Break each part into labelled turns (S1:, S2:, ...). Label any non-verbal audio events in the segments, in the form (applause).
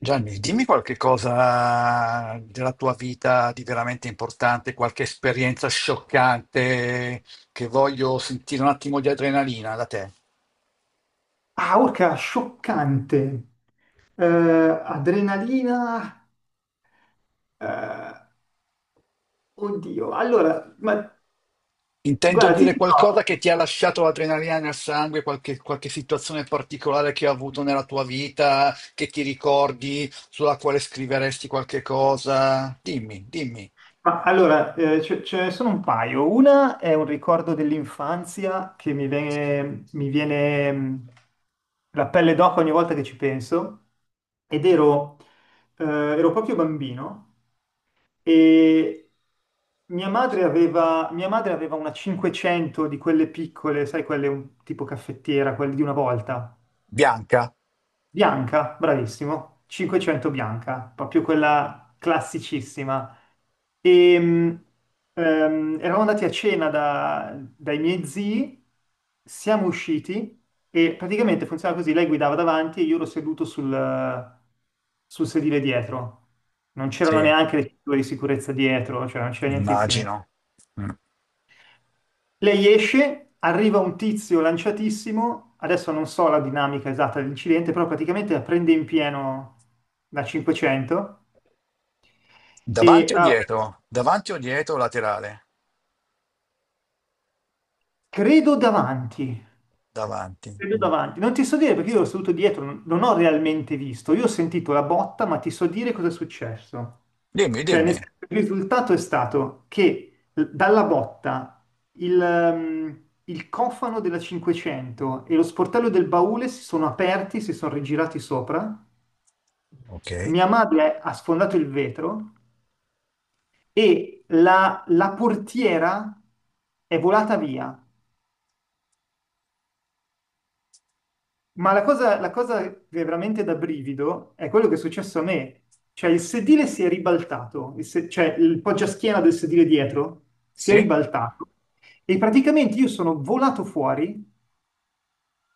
S1: Gianni, dimmi qualche cosa della tua vita di veramente importante, qualche esperienza scioccante che voglio sentire un attimo di adrenalina da te.
S2: Ah, orca, scioccante. Adrenalina. eh, oddio. Allora, ma
S1: Intendo
S2: guarda, ti
S1: dire qualcosa
S2: dico.
S1: che ti ha lasciato l'adrenalina nel sangue, qualche situazione particolare che hai avuto nella tua vita, che ti ricordi, sulla quale scriveresti qualche cosa. Dimmi, dimmi.
S2: Ma allora, ce ne sono un paio. Una è un ricordo dell'infanzia che mi viene la pelle d'oca ogni volta che ci penso. Ed ero, ero proprio bambino e mia madre aveva una 500 di quelle piccole, sai, tipo caffettiera, quelle di una volta.
S1: Bianca?
S2: Bianca, bravissimo. 500 bianca, proprio quella classicissima. E, mh, Eravamo andati a cena dai miei zii, siamo usciti e praticamente funziona così, lei guidava davanti e io ero seduto sul sedile dietro. Non c'erano
S1: Sì,
S2: neanche le cinture di sicurezza dietro, cioè non c'era nientissimo.
S1: immagino. Mm.
S2: Lei esce, arriva un tizio lanciatissimo, adesso non so la dinamica esatta dell'incidente, però praticamente la prende in pieno da 500 e
S1: Davanti o dietro? Davanti o dietro o laterale?
S2: credo davanti,
S1: Davanti.
S2: credo
S1: Mm.
S2: davanti. Non ti so dire perché io ero seduto dietro, non ho realmente visto, io ho sentito la botta, ma ti so dire cosa è successo.
S1: Dimmi,
S2: Cioè, nel
S1: dimmi.
S2: senso, il risultato è stato che dalla botta il cofano della 500 e lo sportello del baule si sono aperti, si sono rigirati sopra.
S1: Ok.
S2: Mia madre ha sfondato il vetro e la portiera è volata via. Ma la cosa che è veramente da brivido è quello che è successo a me. Cioè il sedile si è ribaltato, il se- cioè il poggiaschiena del sedile dietro si è
S1: Sì?
S2: ribaltato e praticamente io sono volato fuori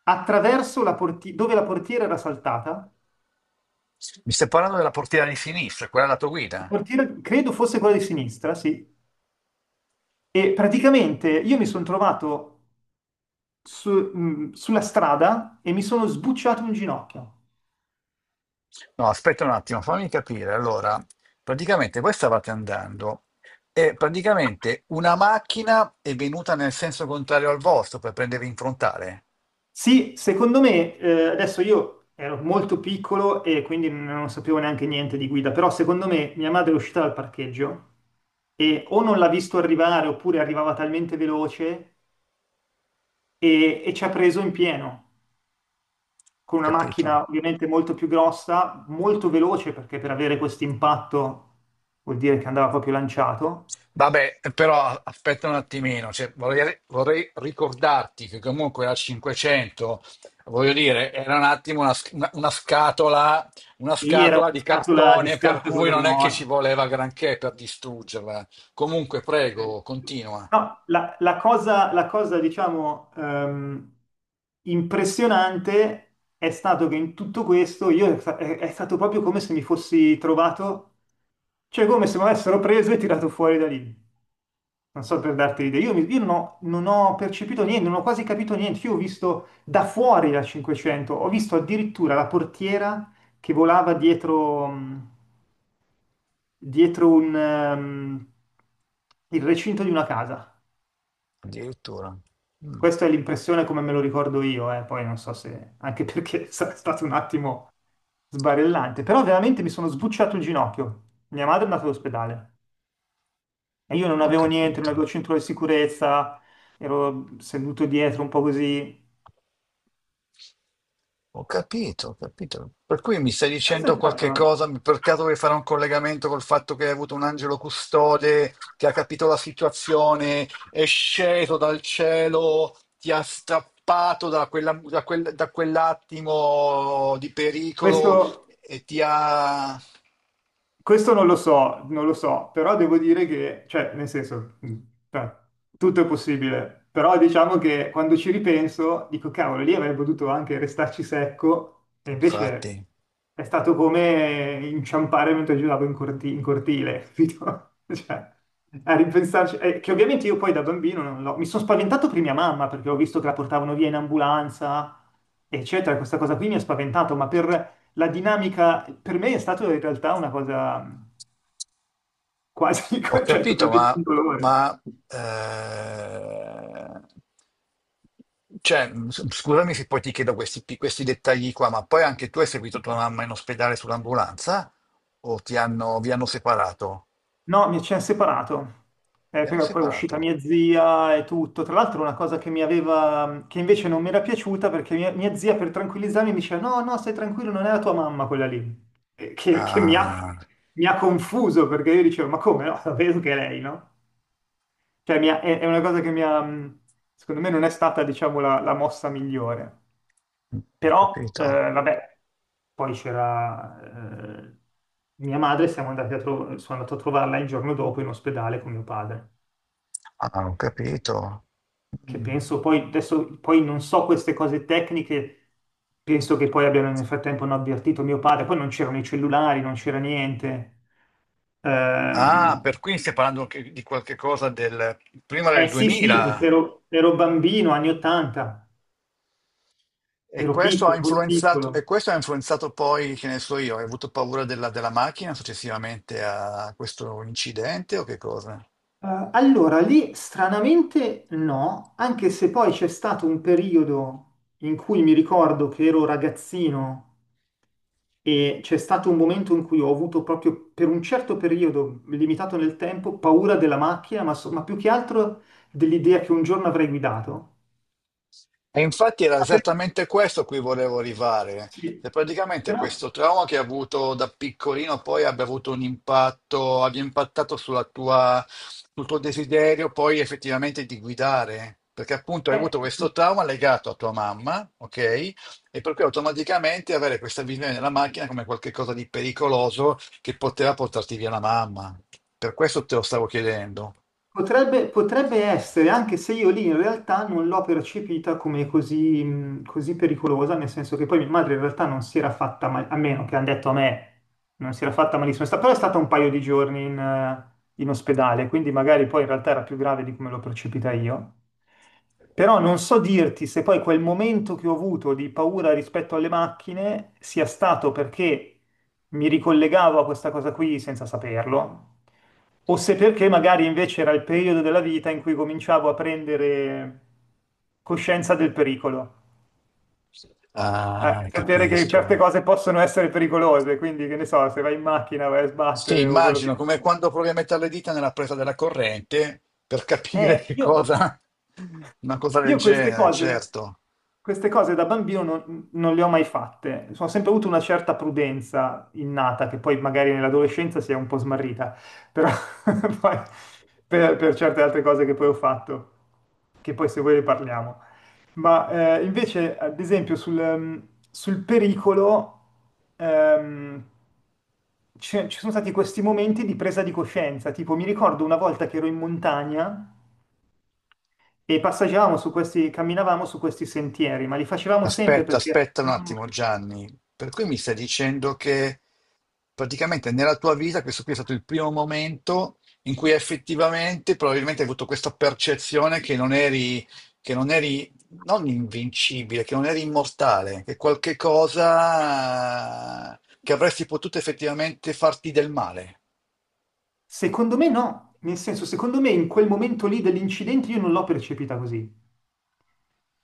S2: attraverso dove la portiera era saltata.
S1: Mi stai parlando della portiera di sinistra, quella della tua
S2: La
S1: guida?
S2: portiera credo fosse quella di sinistra, sì. E praticamente io mi sono trovato sulla strada e mi sono sbucciato un ginocchio.
S1: No, aspetta un attimo, fammi capire. Allora, praticamente voi stavate andando e praticamente una macchina è venuta nel senso contrario al vostro per prendervi in frontale.
S2: Sì, secondo me, adesso io ero molto piccolo e quindi non sapevo neanche niente di guida, però secondo me mia madre è uscita dal parcheggio e o non l'ha visto arrivare oppure arrivava talmente veloce e ci ha preso in pieno.
S1: Ho
S2: Con una
S1: capito?
S2: macchina ovviamente molto più grossa, molto veloce, perché per avere questo impatto vuol dire che andava proprio lanciato.
S1: Vabbè, però aspetta un attimino, cioè, vorrei ricordarti che comunque la 500, voglio dire, era un attimo una, una
S2: Sì, era una
S1: scatola di
S2: scatola di
S1: cartone, per
S2: scarpe con
S1: cui
S2: le
S1: non è che ci
S2: ruote.
S1: voleva granché per distruggerla. Comunque, prego,
S2: Sì.
S1: continua.
S2: No, la cosa, diciamo, impressionante è stato che in tutto questo io, è, sta- è stato proprio come se mi fossi trovato, cioè come se mi avessero preso e tirato fuori da lì. Non so, per darti l'idea, io non ho percepito niente, non ho quasi capito niente. Io ho visto da fuori la 500, ho visto addirittura la portiera che volava dietro, dietro il recinto di una casa.
S1: Addirittura. Mm,
S2: Questa è l'impressione come me lo ricordo io, eh. Poi non so se... anche perché (laughs) è stato un attimo sbarellante, però veramente mi sono sbucciato il ginocchio. Mia madre è andata all'ospedale e io non
S1: ho
S2: avevo niente, non
S1: capito.
S2: avevo cinturone di sicurezza, ero seduto dietro un po' così.
S1: Ho capito, ho capito. Per cui mi stai
S2: Questo
S1: dicendo
S2: è
S1: qualche
S2: stato...
S1: cosa, per caso vuoi fare un collegamento col fatto che hai avuto un angelo custode che ha capito la situazione, è sceso dal cielo, ti ha strappato da, da quell'attimo di pericolo
S2: Questo...
S1: e ti ha...
S2: Questo non lo so, non lo so, però devo dire che, cioè, nel senso, cioè, tutto è possibile, però diciamo che quando ci ripenso dico, cavolo, lì avrei potuto anche restarci secco e invece
S1: Infatti.
S2: è stato come inciampare mentre giravo in cortile, capito? (laughs) Cioè, a ripensarci, che ovviamente io poi da bambino non l'ho, mi sono spaventato per mia mamma perché ho visto che la portavano via in ambulanza, eccetera, questa cosa qui mi ha spaventato, ma per la dinamica per me è stata in realtà una cosa quasi,
S1: Ho
S2: (laughs) cioè
S1: capito,
S2: totalmente indolore.
S1: ma, eh, cioè, scusami se poi ti chiedo questi, questi dettagli qua, ma poi anche tu hai seguito tua mamma in ospedale sull'ambulanza o ti hanno, vi hanno separato?
S2: No, mi ci ha separato.
S1: Vi hanno
S2: Però poi è uscita
S1: separato?
S2: mia zia e tutto. Tra l'altro una cosa che mi aveva, che invece non mi era piaciuta, perché mia zia per tranquillizzarmi mi diceva no, no, stai tranquillo, non è la tua mamma quella lì. Che
S1: Ah,
S2: mi ha confuso, perché io dicevo ma come no, sapevo che è lei, no? È, è una cosa che mi ha, secondo me non è stata, diciamo, la mossa migliore.
S1: ho
S2: Però
S1: capito.
S2: vabbè. Poi c'era eh, mia madre, siamo andati a sono andato a trovarla il giorno dopo in ospedale con mio padre,
S1: Ah, ho capito.
S2: che
S1: Mm.
S2: penso poi, adesso poi non so queste cose tecniche, penso che poi abbiano, nel frattempo hanno avvertito mio padre, poi non c'erano i cellulari, non c'era niente.
S1: Ah,
S2: Ehm,
S1: per cui stiamo parlando di qualche cosa del prima
S2: eh
S1: del
S2: sì, sì, perché
S1: 2000.
S2: ero bambino, anni 80,
S1: E
S2: ero
S1: questo ha
S2: piccolo, molto
S1: influenzato, e
S2: piccolo.
S1: questo ha influenzato poi, che ne so io, hai avuto paura della, della macchina successivamente a questo incidente o che cosa?
S2: Allora, lì stranamente no, anche se poi c'è stato un periodo in cui mi ricordo che ero ragazzino e c'è stato un momento in cui ho avuto proprio, per un certo periodo limitato nel tempo, paura della macchina, ma, ma più che altro dell'idea che un giorno avrei guidato.
S1: E infatti era
S2: Ah, per-
S1: esattamente questo a cui volevo arrivare,
S2: Sì,
S1: che praticamente
S2: però...
S1: questo trauma che hai avuto da piccolino poi abbia avuto un impatto, abbia impattato sulla tua, sul tuo desiderio poi effettivamente di guidare, perché appunto hai
S2: eh,
S1: avuto questo trauma legato a tua mamma, ok? E per cui automaticamente avere questa visione della macchina come qualcosa di pericoloso che poteva portarti via la mamma. Per questo te lo stavo chiedendo.
S2: potrebbe, potrebbe essere, anche se io lì in realtà non l'ho percepita come così, così pericolosa, nel senso che poi mia madre in realtà non si era fatta male, a meno che hanno detto a me, non si era fatta malissimo, però è stata un paio di giorni in ospedale, quindi magari poi in realtà era più grave di come l'ho percepita io. Però non so dirti se poi quel momento che ho avuto di paura rispetto alle macchine sia stato perché mi ricollegavo a questa cosa qui senza saperlo, o se perché magari invece era il periodo della vita in cui cominciavo a prendere coscienza del pericolo. A
S1: Ah,
S2: sapere che certe
S1: capisco.
S2: cose possono essere pericolose, quindi che ne so, se vai in macchina vai a
S1: Sì,
S2: sbattere o quello che...
S1: immagino, come quando provi a mettere le dita nella presa della corrente per capire
S2: Eh,
S1: che
S2: io,
S1: cosa, (laughs) una cosa del
S2: Io
S1: genere, certo.
S2: queste cose da bambino non le ho mai fatte. Ho sempre avuto una certa prudenza innata, che poi magari nell'adolescenza si è un po' smarrita, però (laughs) poi per certe altre cose che poi ho fatto, che poi se vuoi ne parliamo. Ma invece, ad esempio, sul pericolo, ehm, ci sono stati questi momenti di presa di coscienza. Tipo, mi ricordo una volta che ero in montagna e passeggiavamo su questi, camminavamo su questi sentieri, ma li facevamo sempre
S1: Aspetta,
S2: perché,
S1: aspetta un attimo, Gianni. Per cui mi stai dicendo che praticamente nella tua vita questo qui è stato il primo momento in cui effettivamente probabilmente hai avuto questa percezione che non eri non invincibile, che non eri immortale, che qualche cosa che avresti potuto effettivamente farti del male.
S2: secondo me no, nel senso, secondo me in quel momento lì dell'incidente io non l'ho percepita così.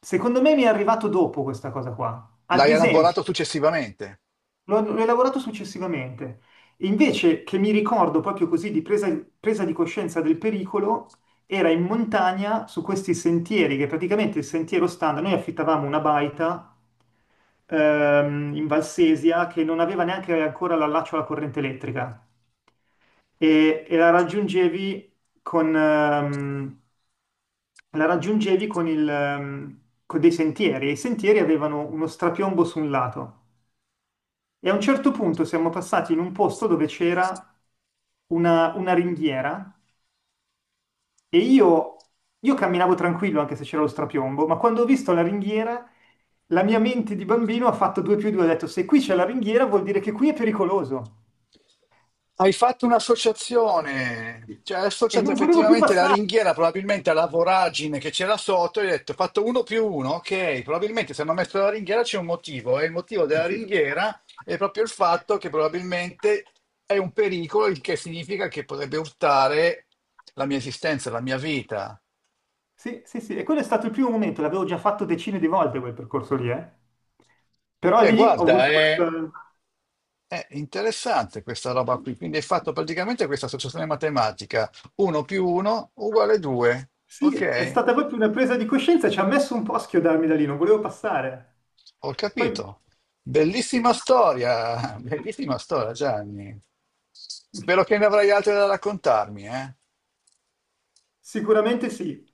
S2: Secondo me mi è arrivato dopo questa cosa qua. Ad
S1: L'hai elaborato
S2: esempio,
S1: successivamente.
S2: L'ho elaborato successivamente. Invece che mi ricordo proprio così di presa di coscienza del pericolo, era in montagna su questi sentieri, che praticamente il sentiero standard, noi affittavamo una baita in Valsesia, che non aveva neanche ancora l'allaccio alla corrente elettrica e con, ehm, la raggiungevi con, il, con dei sentieri, e i sentieri avevano uno strapiombo su un lato. E a un certo punto siamo passati in un posto dove c'era una ringhiera e io camminavo tranquillo anche se c'era lo strapiombo, ma quando ho visto la ringhiera, la mia mente di bambino ha fatto due più due, ha detto se qui c'è la ringhiera vuol dire che qui è pericoloso
S1: Hai fatto un'associazione, cioè hai
S2: e
S1: associato
S2: non volevo più
S1: effettivamente la
S2: passare.
S1: ringhiera probabilmente alla voragine che c'era sotto, e hai detto ho fatto uno più uno, ok, probabilmente se hanno messo la ringhiera c'è un motivo e il motivo della
S2: Sì,
S1: ringhiera è proprio il fatto che probabilmente è un pericolo, il che significa che potrebbe urtare la mia esistenza, la mia vita.
S2: sì. E quello è stato il primo momento, l'avevo già fatto decine di volte quel percorso lì, eh. Però
S1: E
S2: lì ho
S1: guarda,
S2: avuto questa...
S1: è interessante questa roba qui, quindi hai fatto praticamente questa associazione matematica, 1 più 1 uguale 2,
S2: Sì, è
S1: ok?
S2: stata proprio una presa di coscienza, ci ha messo un po' a schiodarmi da lì, non volevo passare.
S1: Ho
S2: Poi
S1: capito. Bellissima storia, (laughs) bellissima storia, Gianni. Spero che ne avrai altre da raccontarmi, eh?
S2: sicuramente sì,